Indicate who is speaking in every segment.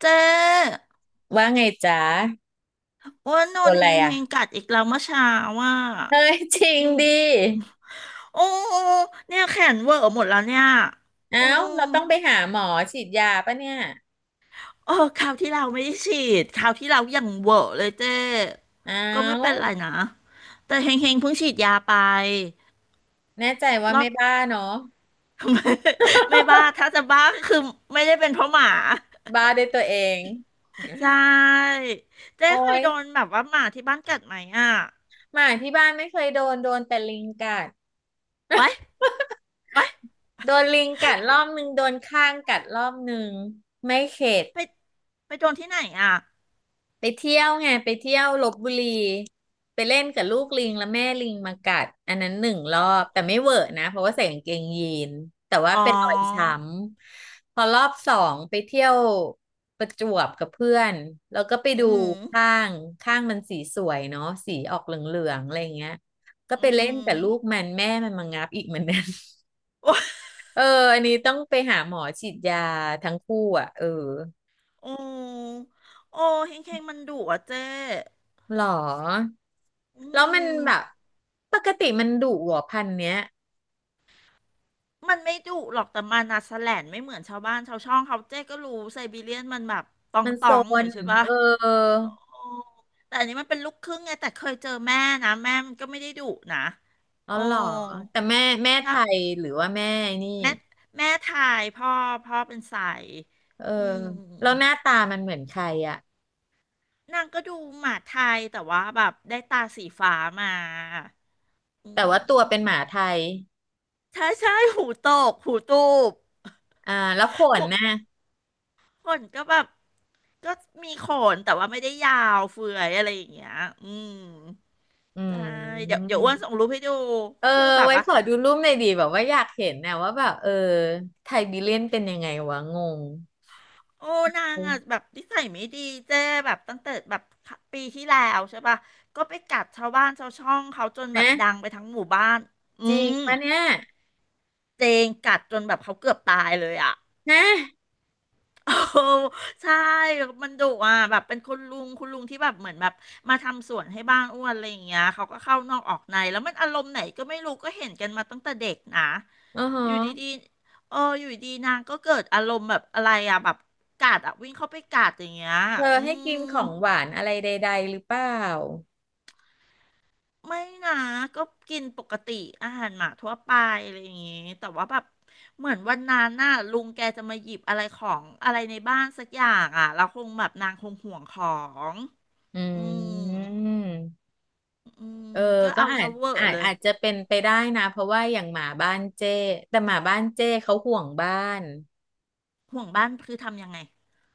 Speaker 1: เจ๊
Speaker 2: ว่าไงจ๊ะ
Speaker 1: อ้ว่านอ
Speaker 2: โด
Speaker 1: น
Speaker 2: นอะ
Speaker 1: เฮ
Speaker 2: ไร
Speaker 1: งเฮง
Speaker 2: อ่ะ
Speaker 1: กัดอีกแล้วเมื่อเช้าว่า
Speaker 2: เฮ้ยจริง
Speaker 1: อืม
Speaker 2: ดิ
Speaker 1: โอ้เนี่ยแขนเวอร์หมดแล้วเนี่ยโอ้
Speaker 2: เอ้าเราต้องไปหาหมอฉีดยาปะเนี่ย
Speaker 1: เออคราวที่เราไม่ได้ฉีดคราวที่เรายังเวอร์เลยเจ๊
Speaker 2: เอ้
Speaker 1: ก็ไม่เป็น
Speaker 2: า
Speaker 1: ไรนะแต่เฮงเฮงเพิ่งฉีดยาไป
Speaker 2: แน่ใจว่า
Speaker 1: รอ
Speaker 2: ไม่
Speaker 1: บ
Speaker 2: บ้าเนาะ
Speaker 1: ไม่ไม่บ้าถ้าจะบ้าก็คือไม่ได้เป็นเพราะหมา
Speaker 2: บ้าด้วยตัวเอง
Speaker 1: ใช่เจ๊
Speaker 2: โอ้
Speaker 1: เคย
Speaker 2: ย
Speaker 1: โดนแบบว่าหมาที่บ้านกัดไหมอ่ะ
Speaker 2: หมาที่บ้านไม่เคยโดนแต่ลิงกัด
Speaker 1: ไว้ไว้
Speaker 2: โดนลิงกัดรอบนึงโดนข้างกัดรอบนึงไม่เข็ด
Speaker 1: ไปไปโดนที่ไหนอ่ะ
Speaker 2: ไปเที่ยวไงไปเที่ยวลพบุรีไปเล่นกับลูกลิงแล้วแม่ลิงมากัดอันนั้นหนึ่งรอบแต่ไม่เวอะนะเพราะว่าใส่กางเกงยีนแต่ว่า
Speaker 1: อ๋อ
Speaker 2: เป็นรอยช้ำพอรอบสองไปเที่ยวประจวบกับเพื่อนแล้วก็ไป
Speaker 1: อื
Speaker 2: ดู
Speaker 1: ม
Speaker 2: ข้างข้างมันสีสวยเนาะสีออกเหลืองๆอะไรอย่างเงี้ยก็ไป
Speaker 1: อื
Speaker 2: เล่นกับลู
Speaker 1: ม
Speaker 2: กมันแม่มันมางับอีกเหมือนกัน
Speaker 1: โอ้
Speaker 2: เอออันนี้ต้องไปหาหมอฉีดยาทั้งคู่อ่ะเออ
Speaker 1: โอ้โอ้เฮงเฮงมันดุอ่ะเจ๊
Speaker 2: หรอ
Speaker 1: อื
Speaker 2: แล้วมัน
Speaker 1: ม
Speaker 2: แบบปกติมันดุเหรอพันธุ์เนี้ย
Speaker 1: มันไม่ดุหรอกแต่มันอะแสแลนไม่เหมือนชาวบ้านชาวช่องเขาเจ๊ก็รู้ไซบีเรียนมันแบบตอง
Speaker 2: มัน
Speaker 1: ต
Speaker 2: โซ
Speaker 1: องหน่อย
Speaker 2: น
Speaker 1: ใช่ปะ
Speaker 2: เออ
Speaker 1: โอ้แต่อันนี้มันเป็นลูกครึ่งไงแต่เคยเจอแม่นะแม่มันก็ไม่ได้ดุนะ
Speaker 2: อ๋อ
Speaker 1: โอ้
Speaker 2: หรอแต่แม่ไท
Speaker 1: ถ้า
Speaker 2: ยหรือว่าแม่นี่
Speaker 1: แม่แม่ไทยพ่อพ่อเป็นสาย
Speaker 2: เออ
Speaker 1: อื
Speaker 2: แล้วห
Speaker 1: ม
Speaker 2: น้าตามันเหมือนใครอะ
Speaker 1: นางก็ดูหมาไทยแต่ว่าแบบได้ตาสีฟ้ามา อื
Speaker 2: แต่ว่าตัวเป็นห
Speaker 1: ม
Speaker 2: มาไทย
Speaker 1: ใช่ใช่หูตกหูตูบ
Speaker 2: อ่าแล้วขน
Speaker 1: หู
Speaker 2: น่ะ
Speaker 1: ขนก็แบบก็มีขนแต่ว่าไม่ได้ยาวเฟื่อยอะไรอย่างเงี้ยอืม
Speaker 2: อื
Speaker 1: ใช่เดี๋ยว
Speaker 2: ม
Speaker 1: เดี๋ยวอ้วนส่งรูปให้ดู
Speaker 2: เออ
Speaker 1: ก็คือแบบ
Speaker 2: ไว้
Speaker 1: ว่า
Speaker 2: ขอดูรูปหน่อยดีแบบว่าอยากเห็นนะว่าแบบเออไทยบีเลียนเป็นยังไงวะงง
Speaker 1: โอ้นางอ่ะแบบนิสัยไม่ดีเจ้แบบตั้งแต่แบบปีที่แล้วใช่ปะก็ไปกัดชาวบ้านชาวช่องเขาจนแบบ
Speaker 2: นะ
Speaker 1: ดังไปทั้งหมู่บ้านอื
Speaker 2: จริง
Speaker 1: ม
Speaker 2: ปะเนี่ย
Speaker 1: เจงกัดจนแบบเขาเกือบตายเลยอ่ะ
Speaker 2: นะ
Speaker 1: โอ้ใช่มันดุอ่ะแบบเป็นคุณลุงคุณลุงที่แบบเหมือนแบบมาทำสวนให้บ้านอ้วนอะไรอย่างเงี้ยเขาก็เข้านอกออกในแล้วมันอารมณ์ไหนก็ไม่รู้ก็เห็นกันมาตั้งแต่เด็กนะ
Speaker 2: อ๋อฮะ
Speaker 1: อยู่ดีๆเอออยู่ดีๆนางก็เกิดอารมณ์แบบอะไรอ่ะแบบกัดอ่ะวิ่งเข้าไปกัดอย่างเงี้ย
Speaker 2: เธอ
Speaker 1: อื
Speaker 2: ให้
Speaker 1: ม
Speaker 2: กินของหวานอะไรใดๆหรือเปล่า
Speaker 1: ไม่นะก็กินปกติอาหารหมาทั่วไปอะไรอย่างงี้แต่ว่าแบบเหมือนวันนั้นน่ะลุงแกจะมาหยิบอะไรของอะไรในบ้านสักอย่างอ่ะเราคงแบบนางคงห่วงของ
Speaker 2: อื
Speaker 1: อืม
Speaker 2: ม
Speaker 1: อืม
Speaker 2: เออ
Speaker 1: ก็
Speaker 2: ก็
Speaker 1: เอา
Speaker 2: อา
Speaker 1: ซะ
Speaker 2: จ
Speaker 1: เวอร์
Speaker 2: อาจ
Speaker 1: เลย
Speaker 2: อาจจะเป็นไปได้นะ เพราะว่าอย่างหมาบ้านเจ้แต่หมาบ้านเจ้เขาห่วงบ้าน
Speaker 1: ห่วงบ้านคือทำยังไง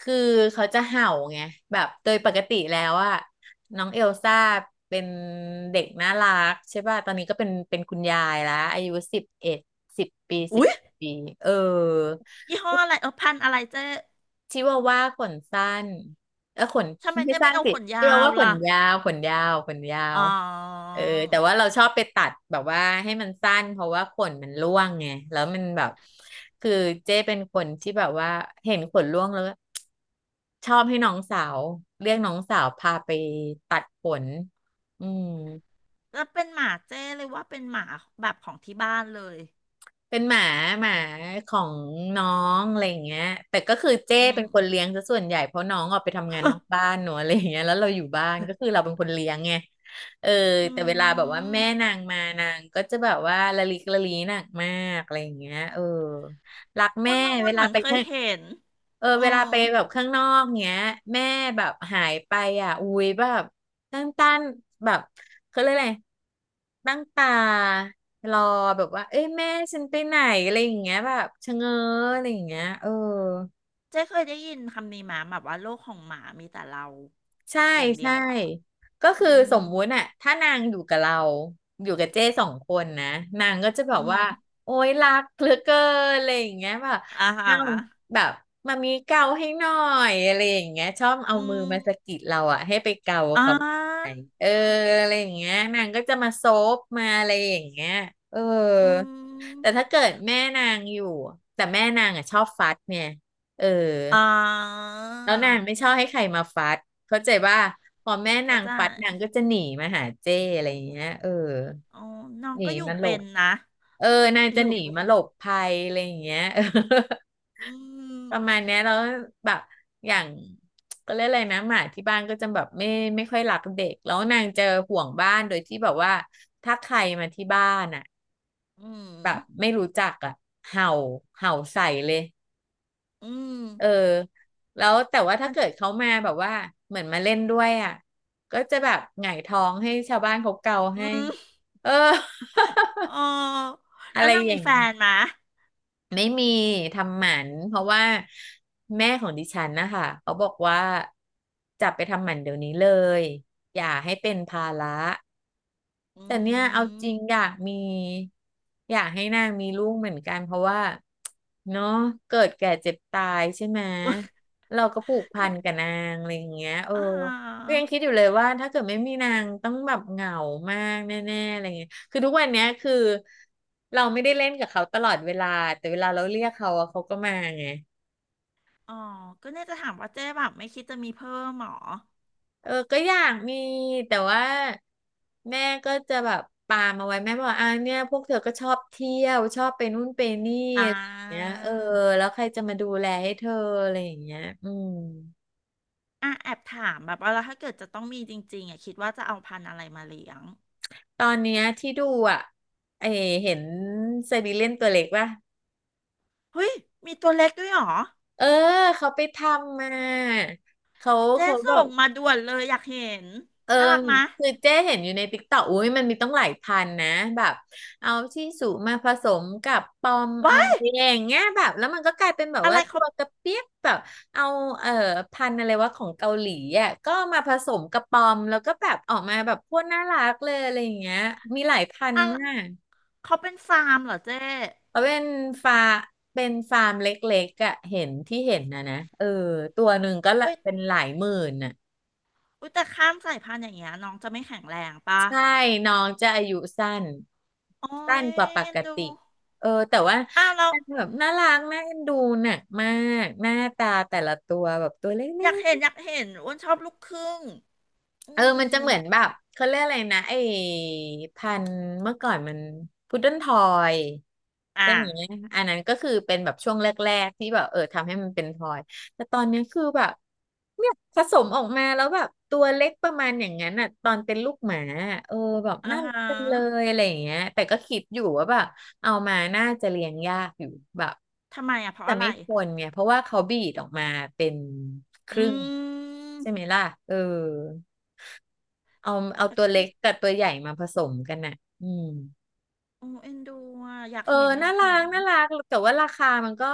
Speaker 2: คือเขาจะเห่าไง แบบโดยปกติแล้วอะน้องเอลซ่าเป็นเด็กน่ารักใช่ป่ะ ตอนนี้ก็เป็นคุณยายแล้ว อายุ 1110 ปีสิบ
Speaker 1: อุ๊ย
Speaker 2: เอ็ดปีเออ
Speaker 1: ยี่ห้ออะไรเออพันธุ์อะไรเจ๊
Speaker 2: ชิวาว่าขนสั้นเออขน
Speaker 1: ทำไม
Speaker 2: ไม่
Speaker 1: เจ๊
Speaker 2: สั้
Speaker 1: ไม่
Speaker 2: น
Speaker 1: เอา
Speaker 2: สิ
Speaker 1: ขนยา
Speaker 2: ชิวา
Speaker 1: ว
Speaker 2: ว่าข
Speaker 1: ล่ะ
Speaker 2: นยาวขนยาวขนยา
Speaker 1: อ๋อ
Speaker 2: วเออแต่ว่าเราชอบไปตัดแบบว่าให้มันสั้นเพราะว่าขนมันร่วงไงแล้วมันแบบคือเจ้เป็นคนที่แบบว่าเห็นขนร่วงแล้วชอบให้น้องสาวเรียกน้องสาวพาไปตัดขนอืม
Speaker 1: แล้วเป็นหมาเจ้เลยว่าเป็นหมาแบบของที่บ้านเลย
Speaker 2: เป็นหมาของน้องอะไรอย่างเงี้ยแต่ก็คือเจ้
Speaker 1: อื
Speaker 2: เป็
Speaker 1: ม
Speaker 2: นคนเลี้ยงซะส่วนใหญ่เพราะน้องออกไปทำงานนอกบ้านเนอะอะไรอย่างเงี้ยแล้วเราอยู่บ้านก็คือเราเป็นคนเลี้ยงไงเออ
Speaker 1: อื
Speaker 2: แต่เวลาแบบว่า
Speaker 1: ม
Speaker 2: แม่นางมานางก็จะแบบว่าละลิกละลีหนักมากอะไรอย่างเงี้ยเออ รัก
Speaker 1: อ้
Speaker 2: แม่
Speaker 1: วนว่าอ้ว
Speaker 2: เว
Speaker 1: น
Speaker 2: ลา
Speaker 1: เหมือน
Speaker 2: ไป
Speaker 1: เคย
Speaker 2: ข้าง
Speaker 1: เห็น
Speaker 2: เออ
Speaker 1: เออ
Speaker 2: เวลาไปแบบข้างนอกเงี้ยแม่แบบหายไปอ่ะอุ้ยแบบตั้งตนแบบเขาเรียกอะไรตั้งตารอแบบว่าเอ้ยแม่ฉันไปไหนอะไรอย่างเงี้ยแบบชะเง้ออะไรอย่างเงี้ยเออ
Speaker 1: เจ๊เคยได้ยินคำนี้มาแบบว่าโลกของหมามีแต่เรา
Speaker 2: ใช่
Speaker 1: อย่างเดี
Speaker 2: ใช่
Speaker 1: ยวอ่ะ
Speaker 2: ก็
Speaker 1: อื
Speaker 2: คือส
Speaker 1: ม
Speaker 2: มมุติอะถ้านางอยู่กับเราอยู่กับเจ้สองคนนะนางก็จะแบบ
Speaker 1: อื
Speaker 2: ว่า
Speaker 1: ม
Speaker 2: โอ๊ยรักเหลือเกินอะไรอย่างเงี้ยแบบ
Speaker 1: อ่าฮะ
Speaker 2: เอ้าแบบมามีเกาให้หน่อยอะไรอย่างเงี้ยชอบเอา
Speaker 1: อื
Speaker 2: มือ
Speaker 1: ม
Speaker 2: มาสะกิดเราอะให้ไปเกา
Speaker 1: อ่
Speaker 2: เขาไป
Speaker 1: า
Speaker 2: เอออะไรอย่างเงี้ยนางก็จะมาโซบมาอะไรอย่างเงี้ยเออ
Speaker 1: อื
Speaker 2: แต่
Speaker 1: ม
Speaker 2: ถ้าเกิดแม่นางอยู่แต่แม่นางอะชอบฟัดเนี่ยเออ
Speaker 1: อ่า
Speaker 2: แล้วนางไม่ชอบให้ใครมาฟัดเข้าใจว่าพอแม่นา
Speaker 1: เข้า
Speaker 2: ง
Speaker 1: ใจ
Speaker 2: ฟัดนางก็จะหนีมาหาเจ้อะไรอย่างเงี้ยเออ
Speaker 1: อ๋อน้อง
Speaker 2: หนี
Speaker 1: ก็อยู่
Speaker 2: มาหล
Speaker 1: เป็
Speaker 2: บ
Speaker 1: นนะ
Speaker 2: เออนาง
Speaker 1: อ
Speaker 2: จะ
Speaker 1: ยู่
Speaker 2: หนี
Speaker 1: เป็น
Speaker 2: มาหลบภัยอะไรอย่างเงี้ย เออ
Speaker 1: อื
Speaker 2: ประมาณ
Speaker 1: ม
Speaker 2: เนี้ยแล้วแบบอย่างก็เรียกอะไรนะหมาที่บ้านก็จะแบบไม่ค่อยรักเด็กแล้วนางจะห่วงบ้านโดยที่แบบว่าถ้าใครมาที่บ้านอ่ะ
Speaker 1: อื
Speaker 2: แบบ
Speaker 1: ม
Speaker 2: ไม่รู้จักอ่ะเห่าเห่าใส่เลย
Speaker 1: อืม
Speaker 2: เออแล้วแต่ว่าถ้า
Speaker 1: มัน
Speaker 2: เกิดเขามาแบบว่าเหมือนมาเล่นด้วยอ่ะก็จะแบบหงายท้องให้ชาวบ้านเขาเกาให้
Speaker 1: อืม
Speaker 2: เออ
Speaker 1: เอ๋ อ
Speaker 2: อะ
Speaker 1: แล้
Speaker 2: ไร
Speaker 1: วนาง
Speaker 2: อ
Speaker 1: มี
Speaker 2: ย่าง
Speaker 1: แฟ
Speaker 2: นี้
Speaker 1: นไหมะ
Speaker 2: ไม่มีทำหมันเพราะว่าแม่ของดิฉันนะคะเขาบอกว่าจับไปทำหมันเดี๋ยวนี้เลยอย่าให้เป็นภาระ
Speaker 1: อื
Speaker 2: แต่เนี่ยเอาจ
Speaker 1: ม
Speaker 2: ริงอยากมีอยากให้นางมีลูกเหมือนกันเพราะว่าเนาะเกิดแก่เจ็บตายใช่ไหมเราก็ผูก พั
Speaker 1: กัน
Speaker 2: นกับนางอะไรอย่างเงี้ยเออ
Speaker 1: อ่
Speaker 2: ก็ยังคิดอ
Speaker 1: า
Speaker 2: ยู่เลยว่าถ้าเกิดไม่มีนางต้องแบบเหงามากแน่ๆอะไรเงี้ยคือทุกวันเนี้ยคือเราไม่ได้เล่นกับเขาตลอดเวลาแต่เวลาเราเรียกเขาอะเขาก็มาไง
Speaker 1: อ๋อก็เนี่ยจะถามว่าเจ๊แบบไม่คิดจะมีเพิ่มหรอ
Speaker 2: เออก็อยากมีแต่ว่าแม่ก็จะแบบปามเอาไว้แม่บอกอ่าเนี่ยพวกเธอก็ชอบเที่ยวชอบไปนู่นไปนี่
Speaker 1: อ่
Speaker 2: อะไรอย่างเงี้ย
Speaker 1: า
Speaker 2: เออแล้วใครจะมาดูแลให้เธออะไรอย่างเงี้ยอืม
Speaker 1: อ่ะแอบถามแบบว่าแล้วถ้าเกิดจะต้องมีจริงๆอ่ะคิดว่าจะเอาพันธุ์อะไรมาเลี้ยง
Speaker 2: ตอนเนี้ยที่ดูอ่ะเออเห็นไซบีเรียนตัวเล็กป่ะ
Speaker 1: เฮ้ยมีตัวเล็กด้วยเหรอ
Speaker 2: เออเขาไปทำมาเขา
Speaker 1: เจ๊
Speaker 2: เขาแบ
Speaker 1: ส่
Speaker 2: บ
Speaker 1: งมาด่วนเลยอยากเห็น
Speaker 2: เออ
Speaker 1: น่ารักมะ
Speaker 2: คือเจ๊เห็นอยู่ในติ๊กต็อกอุ้ยมันมีต้องหลายพันนะแบบเอาที่สูมาผสมกับปอมเอา
Speaker 1: ว้าย
Speaker 2: อะไรอย่างเงี้ยแบบแล้วมันก็กลายเป็นแบบ
Speaker 1: อะไร
Speaker 2: ว่าตั
Speaker 1: เขา
Speaker 2: วกระเปี๊ยกแบบเอาเอ่อพันธุ์อะไรว่าของเกาหลีอ่ะก็มาผสมกับปอมแล้วก็แบบออกมาแบบโคตรน่ารักเลยอะไรอย่างเงี้ยมีหลายพัน
Speaker 1: อะ
Speaker 2: ธุ์
Speaker 1: ไร
Speaker 2: มาก
Speaker 1: เขาเป็นฟาร์มเหรอเจ๊
Speaker 2: เขาเป็นฟาร์มเป็นฟาร์มเล็กๆอ่ะเห็นที่เห็นนะเออตัวหนึ่งก็ละ
Speaker 1: เว้ย
Speaker 2: เป็นหลายหมื่นอ่ะ
Speaker 1: อุ้ยแต่ข้ามสายพันธุ์อย่างเงี้ยน้องจะไม่แข็งแรงปะ
Speaker 2: ใช่ น้องจะอายุสั้น
Speaker 1: โอ้
Speaker 2: สั้น
Speaker 1: ย
Speaker 2: กว่าป
Speaker 1: เอ็
Speaker 2: ก
Speaker 1: นดู
Speaker 2: ติ เออแต่ว่า
Speaker 1: อ้าวเรา
Speaker 2: แบบน่ารักน่าเอ็นดูน่ะมาก หน้าตาแต่ละตัวแบบตัวเล็
Speaker 1: อยากเห็น
Speaker 2: ก
Speaker 1: อยากเห็นอ้วนชอบลูกครึ่งอื
Speaker 2: ๆเออมัน
Speaker 1: ม
Speaker 2: จะเหมือนแบบ เขาเรียกอะไรนะไอ้พันธุ์เมื่อก่อนมันพุดเดิ้ลทอย
Speaker 1: อ่ะ
Speaker 2: ใช่ไหมอันนั้นก็คือเป็นแบบช่วงแรกๆที่แบบทำให้มันเป็นพลอยแต่ตอนเนี้ยคือแบบเนี่ยผสมออกมาแล้วแบบตัวเล็กประมาณอย่างนั้นอ่ะตอนเป็นลูกหมาอะเออแบบ
Speaker 1: อ่า
Speaker 2: น่ารั
Speaker 1: ฮะ
Speaker 2: กจังเลยอะไรอย่างเงี้ยแต่ก็คิดอยู่ว่าแบบเอามาน่าจะเลี้ยงยากอยู่แบบ
Speaker 1: ทำไมอ่ะเพราะ
Speaker 2: แต่
Speaker 1: อะไร
Speaker 2: ไม่ทนเนี่ยเพราะว่าเขาบีดออกมาเป็นค
Speaker 1: อื
Speaker 2: รึ่งใช่ไหม
Speaker 1: ม
Speaker 2: ล่ะเออเอาเอา
Speaker 1: แต่
Speaker 2: ตัวเล็
Speaker 1: ก็
Speaker 2: กกับตัวใหญ่มาผสมกันน่ะอืม
Speaker 1: โอ้เอ็นดูอ่ะอยาก
Speaker 2: เออ
Speaker 1: เห็นอยา
Speaker 2: น่า
Speaker 1: ก
Speaker 2: รั
Speaker 1: เห็
Speaker 2: ก
Speaker 1: น
Speaker 2: น่ารักแต่ว่าราคามันก็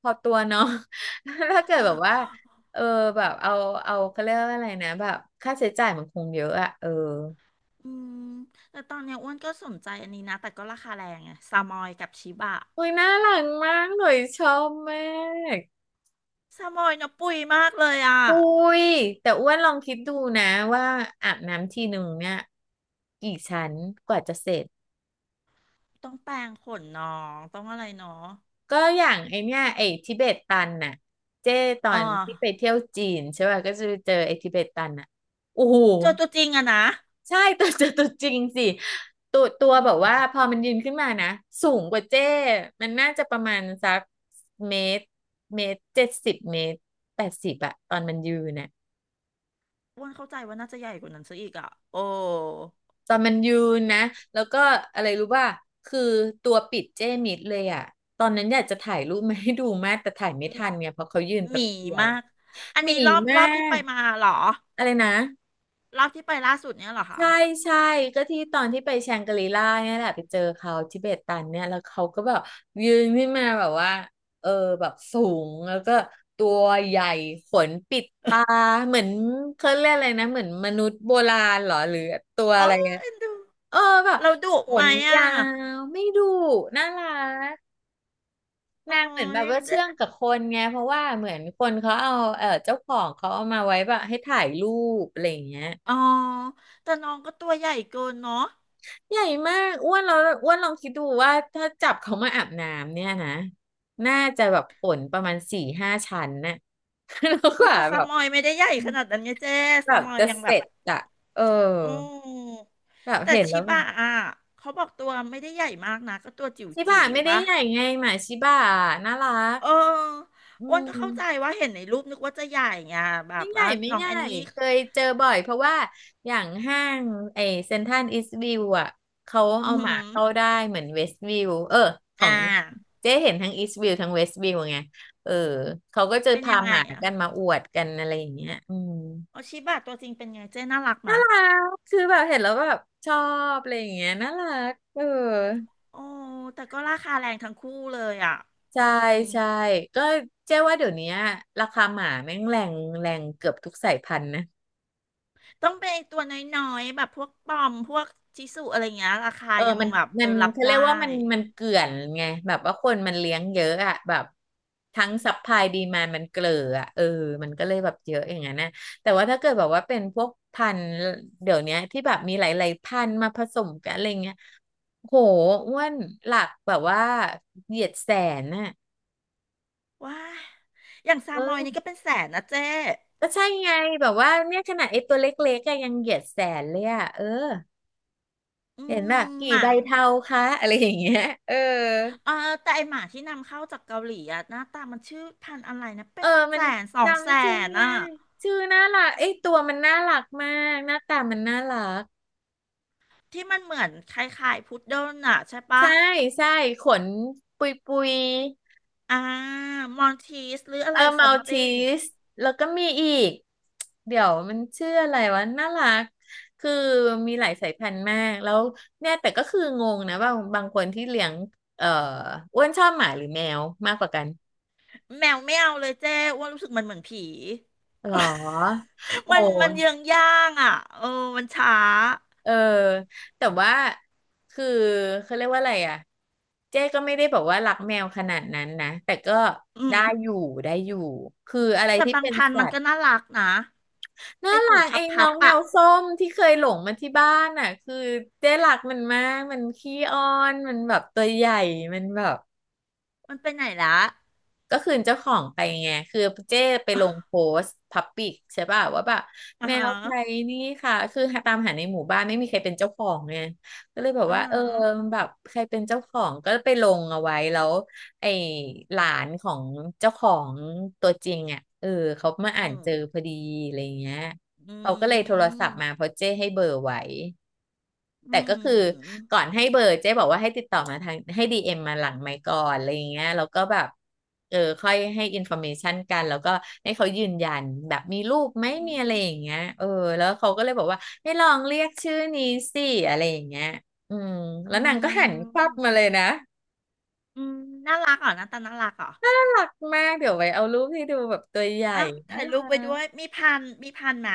Speaker 2: พอตัวเนาะ ถ้าเกิดแบบว่า เออแบบเอาเขาเรียกว่าอะไรนะแบบค่าใช้จ่ายมันคงเยอะอะเออ
Speaker 1: อืมแต่ตอนเนี้ยอ้วนก็สนใจอันนี้นะแต่ก็ราคาแรงไงซามอยกับชิบะ
Speaker 2: อุ้ยน่ารักมากหน่อยชอบมาก
Speaker 1: ซามอยเนาะปุยมากเลยอ่ะ
Speaker 2: อุ้ยแต่อ้วนลองคิดดูนะว่าอาบน้ำทีหนึ่งเนี่ยกี่ชั้นกว่าจะเสร็จ
Speaker 1: ต้องแปรงขนน้องต้องอะไรเนาะ
Speaker 2: ก็อย่างไอเนี่ยไอทิเบตตันน่ะเจ้ตอ
Speaker 1: อ่า
Speaker 2: นที่ไปเที่ยวจีนใช่ป่ะก็จะไปเจอไอทิเบตตันน่ะโอ้โห
Speaker 1: เจอตัวจริงอะนะ
Speaker 2: ใช่ ตัวจริงสิตัวแบบว่าพอมันยืนขึ้นมานะสูงกว่าเจ้มันน่าจะประมาณสักเมตรเมตร70เมตร80อะตอนมันยืนน่ะ
Speaker 1: อ้วนเข้าใจว่าน่าจะใหญ่กว่านั้นซะอีกอ่ะโอ้
Speaker 2: ตอนมันยืนนะแล้วก็อะไรรู้ป่ะคือตัวปิดเจ้มิดเลยอะตอนนั้นอยากจะถ่ายรูปมาให้ดูมากแต่ถ่ายไม่ทั
Speaker 1: ห
Speaker 2: นเนี่ยเพราะเขายืน
Speaker 1: ห
Speaker 2: แป๊บ
Speaker 1: มี
Speaker 2: เดียว
Speaker 1: มากอัน
Speaker 2: หมี
Speaker 1: นี้รอบ
Speaker 2: มา
Speaker 1: รอบที่ไป
Speaker 2: ก
Speaker 1: มาเหรอ
Speaker 2: อะไรนะ
Speaker 1: รอบที่ไปล่าสุดเนี้ยเหรอคะ
Speaker 2: ใช่ใช่ก็ที่ตอนที่ไปแชงกรีล่าเนี่ยแหละไปเจอเขาทิเบตันเนี่ยแล้วเขาก็แบบยืนขึ้นมาแบบว่าเออแบบสูงแล้วก็ตัวใหญ่ขนปิดตาเหมือนเขาเรียกอะไรนะเหมือนมนุษย์โบราณเหรอหรือตัว
Speaker 1: อ๋อ
Speaker 2: อะไรอะ
Speaker 1: เอ็นดู
Speaker 2: เออแบบ
Speaker 1: เราดุ
Speaker 2: ข
Speaker 1: ไหม
Speaker 2: น
Speaker 1: อ่ะ
Speaker 2: ยาวไม่ดุน่ารัก
Speaker 1: โอ้
Speaker 2: นางเหมือนแบบ
Speaker 1: ย
Speaker 2: ว่า
Speaker 1: เจ๊
Speaker 2: เชื่องกับคนไงเพราะว่าเหมือนคนเขาเอาเออเจ้าของเขาเอามาไว้แบบให้ถ่ายรูปอะไรอย่างเงี้ย
Speaker 1: อ๋อแต่น้องก็ตัวใหญ่เกินเนาะ
Speaker 2: ใหญ่มากอ้วนเราอ้วนลองคิดดูว่าถ้าจับเขามาอาบน้ำเนี่ยนะน่าจะแบบฝนประมาณ4-5ชั้นน่ะ แล้วก
Speaker 1: อุ้ย
Speaker 2: ว่า
Speaker 1: แต่
Speaker 2: แบ
Speaker 1: ซา
Speaker 2: บ
Speaker 1: มอยไม่ได้ใหญ่ขนาดนั้นไงเจ๊
Speaker 2: แบ
Speaker 1: ซา
Speaker 2: บ
Speaker 1: มอย
Speaker 2: จะ
Speaker 1: ยัง
Speaker 2: เส
Speaker 1: แบบ
Speaker 2: ร็จอะเออ
Speaker 1: อืม
Speaker 2: แบบ
Speaker 1: แต่
Speaker 2: เห็นแล้
Speaker 1: ชิ
Speaker 2: วแบบ
Speaker 1: บะอ่ะเขาบอกตัวไม่ได้ใหญ่มากนะก็ตัวจิ๋ว
Speaker 2: ชิบะ
Speaker 1: จิ๋ว
Speaker 2: ไม่ได้
Speaker 1: ปะ
Speaker 2: ใหญ่ไงหมาชิบะน่ารัก
Speaker 1: เออ
Speaker 2: อื
Speaker 1: อ้วนก็เข้าใจ
Speaker 2: ม
Speaker 1: ว่าเห็นในรูปนึกว่าจะใหญ่ไงแบ
Speaker 2: ไม่
Speaker 1: บ
Speaker 2: ใหญ่
Speaker 1: ว่า
Speaker 2: ไม่
Speaker 1: น้อ
Speaker 2: ให
Speaker 1: ง
Speaker 2: ญ่
Speaker 1: แอนนี่
Speaker 2: เคยเจอบ่อยเพราะว่าอย่างห้างไอเซ็นทรัลอีสต์วิวอ่ะเขา
Speaker 1: อื
Speaker 2: เอา
Speaker 1: อหื
Speaker 2: หมา
Speaker 1: อ
Speaker 2: เข้าได้เหมือนเวสต์วิวเออขอ
Speaker 1: อ่า
Speaker 2: งเจ๊เห็นทั้งอีสต์วิวทั้งเวสต์วิวไงเออเขาก็จะ
Speaker 1: เป็น
Speaker 2: พา
Speaker 1: ยัง
Speaker 2: ห
Speaker 1: ไง
Speaker 2: มา
Speaker 1: อ่ะ
Speaker 2: กันมาอวดกันอะไรอย่างเงี้ยอืม
Speaker 1: อ๋อชิบะตัวจริงเป็นไงเจ๊น่ารัก
Speaker 2: น่า
Speaker 1: มะ
Speaker 2: รักคือแบบเห็นแล้วแบบชอบอะไรอย่างเงี้ยน่ารักเออ
Speaker 1: โอ้แต่ก็ราคาแรงทั้งคู่เลยอ่ะอื
Speaker 2: ใช่
Speaker 1: ม
Speaker 2: ใช่ก็เจ๊ว่าเดี๋ยวนี้ราคาหมาแม่งแรงแรงเกือบทุกสายพันธุ์นะ
Speaker 1: ต้องเป็นไอ้ตัวน้อยๆแบบพวกปอมพวกชิสุอะไรเงี้ยราคา
Speaker 2: เออ
Speaker 1: ยัง
Speaker 2: มัน
Speaker 1: แบบ
Speaker 2: มั
Speaker 1: เออ
Speaker 2: น
Speaker 1: รับ
Speaker 2: เขาเรี
Speaker 1: ได้
Speaker 2: ยกว่ามันเกลื่อนไง แบบว่าคนมันเลี้ยงเยอะอะแบบทั้งซัพพลายดีมานมันเกลืออะเออมันก็เลยแบบเยอะอย่างนั้นนะแต่ว่าถ้าเกิดแบบว่าเป็นพวกพันธุ์เดี๋ยวเนี้ยที่แบบมีหลายๆพันธุ์มาผสมกันอะไรเงี้ยโหอ้วนหลักแบบว่าเหยียดแสนน่ะ
Speaker 1: ว้ายอย่างซามอยนี่
Speaker 2: เออ
Speaker 1: ก็เป็นแสนนะเจ๊
Speaker 2: ก็ใช่ไงแบบว่าเนี่ยขนาดไอ้ตัวเล็กๆก็ยังเหยียดแสนเลยอะเออ
Speaker 1: อื
Speaker 2: เห็นแบบ
Speaker 1: ม
Speaker 2: กี่
Speaker 1: หมั
Speaker 2: ใบ
Speaker 1: น
Speaker 2: เทาคะอะไรอย่างเงี้ยเออ
Speaker 1: เออแต่ไอหมาที่นำเข้าจากเกาหลีอะหน้าตามันชื่อพันธุ์อะไรนะเป็
Speaker 2: เออ
Speaker 1: น
Speaker 2: มั
Speaker 1: แส
Speaker 2: น
Speaker 1: นสองแส
Speaker 2: จำชื่อ
Speaker 1: น
Speaker 2: ไม่ได้
Speaker 1: อะ
Speaker 2: ชื่อน่ารักเอ้ยตัวมันน่ารักมากหน้าตามันน่ารัก
Speaker 1: ที่มันเหมือนคล้ายๆพุดเดิ้ลอะใช่ปะ
Speaker 2: ใช่ใช่ขนปุยปุย
Speaker 1: อ่ามอนทีสหรืออะ
Speaker 2: เออ
Speaker 1: ไร
Speaker 2: มั
Speaker 1: ซัม
Speaker 2: ลที
Speaker 1: ติง
Speaker 2: สแล้วก็มีอีกเดี๋ยวมันชื่ออะไรวะน่ารัก คือมีหลายสายพันธุ์มากแล้วเนี่ยแต่ก็คืองงนะว่าบางคนที่เลี้ยงเอ่ออ้วนชอบหมาหรือแมวมากกว่ากัน
Speaker 1: แมวไม่เอาเลยเจ๊อ้ว่ารู้สึกมันเหมือนผี
Speaker 2: หรอโอ
Speaker 1: มันมันเยือ
Speaker 2: ้
Speaker 1: งย่างอ่ะเออมันช้า
Speaker 2: เออแต่ว่าคือเขาเรียกว่าอะไรอ่ะเจ๊ก็ไม่ได้บอกว่ารักแมวขนาดนั้นนะแต่ก็
Speaker 1: อื
Speaker 2: ได้อ
Speaker 1: ม
Speaker 2: ยู่ได้อยู่คืออะไร
Speaker 1: แต่
Speaker 2: ที่
Speaker 1: บาง
Speaker 2: เป็น
Speaker 1: พันธุ์
Speaker 2: สั
Speaker 1: มัน
Speaker 2: ต
Speaker 1: ก็
Speaker 2: ว์
Speaker 1: น่ารักนะไอ
Speaker 2: น่า
Speaker 1: หู
Speaker 2: รัก
Speaker 1: พั
Speaker 2: ไอ้
Speaker 1: บ
Speaker 2: น้
Speaker 1: พั
Speaker 2: อ
Speaker 1: บ
Speaker 2: งแม
Speaker 1: อะ
Speaker 2: วส้มที่เคยหลงมาที่บ้านอ่ะคือเจ๊รักมันมากมันขี้อ้อนมันแบบตัวใหญ่มันแบบ
Speaker 1: มันไปไหนละ
Speaker 2: ก็คืนเจ้าของไปไงคือเจ้ไปลงโพสต์พับปิกใช่ป่ะว่าแบบ
Speaker 1: อ่า
Speaker 2: แม
Speaker 1: ฮะ
Speaker 2: วใครนี่ค่ะคือหตามหาในหมู่บ้านไม่มีใครเป็นเจ้าของไงก็เลยแบบ
Speaker 1: อ่า
Speaker 2: ว่าเอ
Speaker 1: ฮะ
Speaker 2: อแบบใครเป็นเจ้าของก็ไปลงเอาไว้แล้วไอ้หลานของเจ้าของตัวจริงอ่ะเออเขามา
Speaker 1: อื
Speaker 2: อ่าน
Speaker 1: ม
Speaker 2: เจอพอดีอะไรเงี้ย
Speaker 1: อื
Speaker 2: เขาก็เลยโทรศัพท์มา
Speaker 1: ม
Speaker 2: เพราะเจ้ให้เบอร์ไว้
Speaker 1: อื
Speaker 2: แต่ก็คือ
Speaker 1: ม
Speaker 2: ก่อนให้เบอร์เจ๊บอกว่าให้ติดต่อมาทางให้ดีเอ็มมาหลังไมค์ก่อนอะไรอย่างเงี้ยแล้วก็แบบเออค่อยให้อินโฟอร์เมชันกันแล้วก็ให้เขายืนยันแบบมีรูปไหม
Speaker 1: อื
Speaker 2: มีอะ
Speaker 1: ม
Speaker 2: ไรอย่างเงี้ยเออแล้วเขาก็เลยบอกว่าให้ลองเรียกชื่อนี้สิอะไรอย่างเงี้ยอืมแล้
Speaker 1: อื
Speaker 2: วนางก็หันควับมาเล
Speaker 1: ม
Speaker 2: ยนะ
Speaker 1: อืมน่ารักเหรอหน้าตาน่ารักเหรอ
Speaker 2: น่ารักมากเดี๋ยวไว้เอารูปให้ดูแบบตัวใหญ่
Speaker 1: อ่ะ
Speaker 2: น่า
Speaker 1: ถ่ายรู
Speaker 2: รั
Speaker 1: ปไว้
Speaker 2: ก
Speaker 1: ด้วยมีพันธ์มีพันธ์ไหม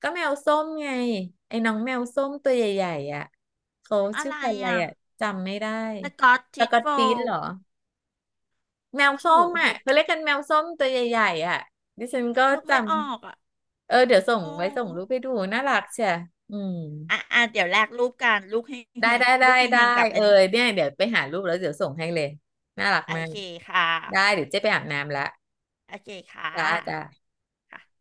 Speaker 2: ก็แมวส้มไงไอ้น้องแมวส้มตัวใหญ่ๆอ่ะเขา
Speaker 1: อะ
Speaker 2: ชื่อ
Speaker 1: ไร
Speaker 2: พันธุ์อะไร
Speaker 1: อ่ะ
Speaker 2: อ่ะจำไม่ได้
Speaker 1: สกอต
Speaker 2: ส
Speaker 1: ทิช
Speaker 2: กอต
Speaker 1: โฟ
Speaker 2: ติช
Speaker 1: ล
Speaker 2: เหรอ แมวส้
Speaker 1: หู
Speaker 2: มอ่ะ
Speaker 1: หู
Speaker 2: เขาเรียกกันแมวส้มตัวใหญ่ๆอ่ะดิฉันก็
Speaker 1: นึก
Speaker 2: จ
Speaker 1: ไม่ออกอ่ะ
Speaker 2: ำ เออเดี๋ยวส่ง
Speaker 1: โอ้
Speaker 2: ไว้ส่งรูปไปดูน่ารักเชียอืม
Speaker 1: อ่ะอ่ะเดี๋ยวแลกรูปกันรูปเฮง
Speaker 2: ได้
Speaker 1: เฮง
Speaker 2: ได้ได้
Speaker 1: รูปเฮง
Speaker 2: ได้
Speaker 1: เฮงกับ
Speaker 2: เอ
Speaker 1: อั
Speaker 2: อ
Speaker 1: นนี้
Speaker 2: เนี่ยเดี๋ยวไปหารูปแล้วเดี๋ยวส่งให้เลยน่ารัก
Speaker 1: โอ
Speaker 2: มาก
Speaker 1: เคค่ะ
Speaker 2: ได้เดี๋ยวเจ๊ไปอาบน้ำละ
Speaker 1: โอเคค่ะ
Speaker 2: จ้า
Speaker 1: ค่ะ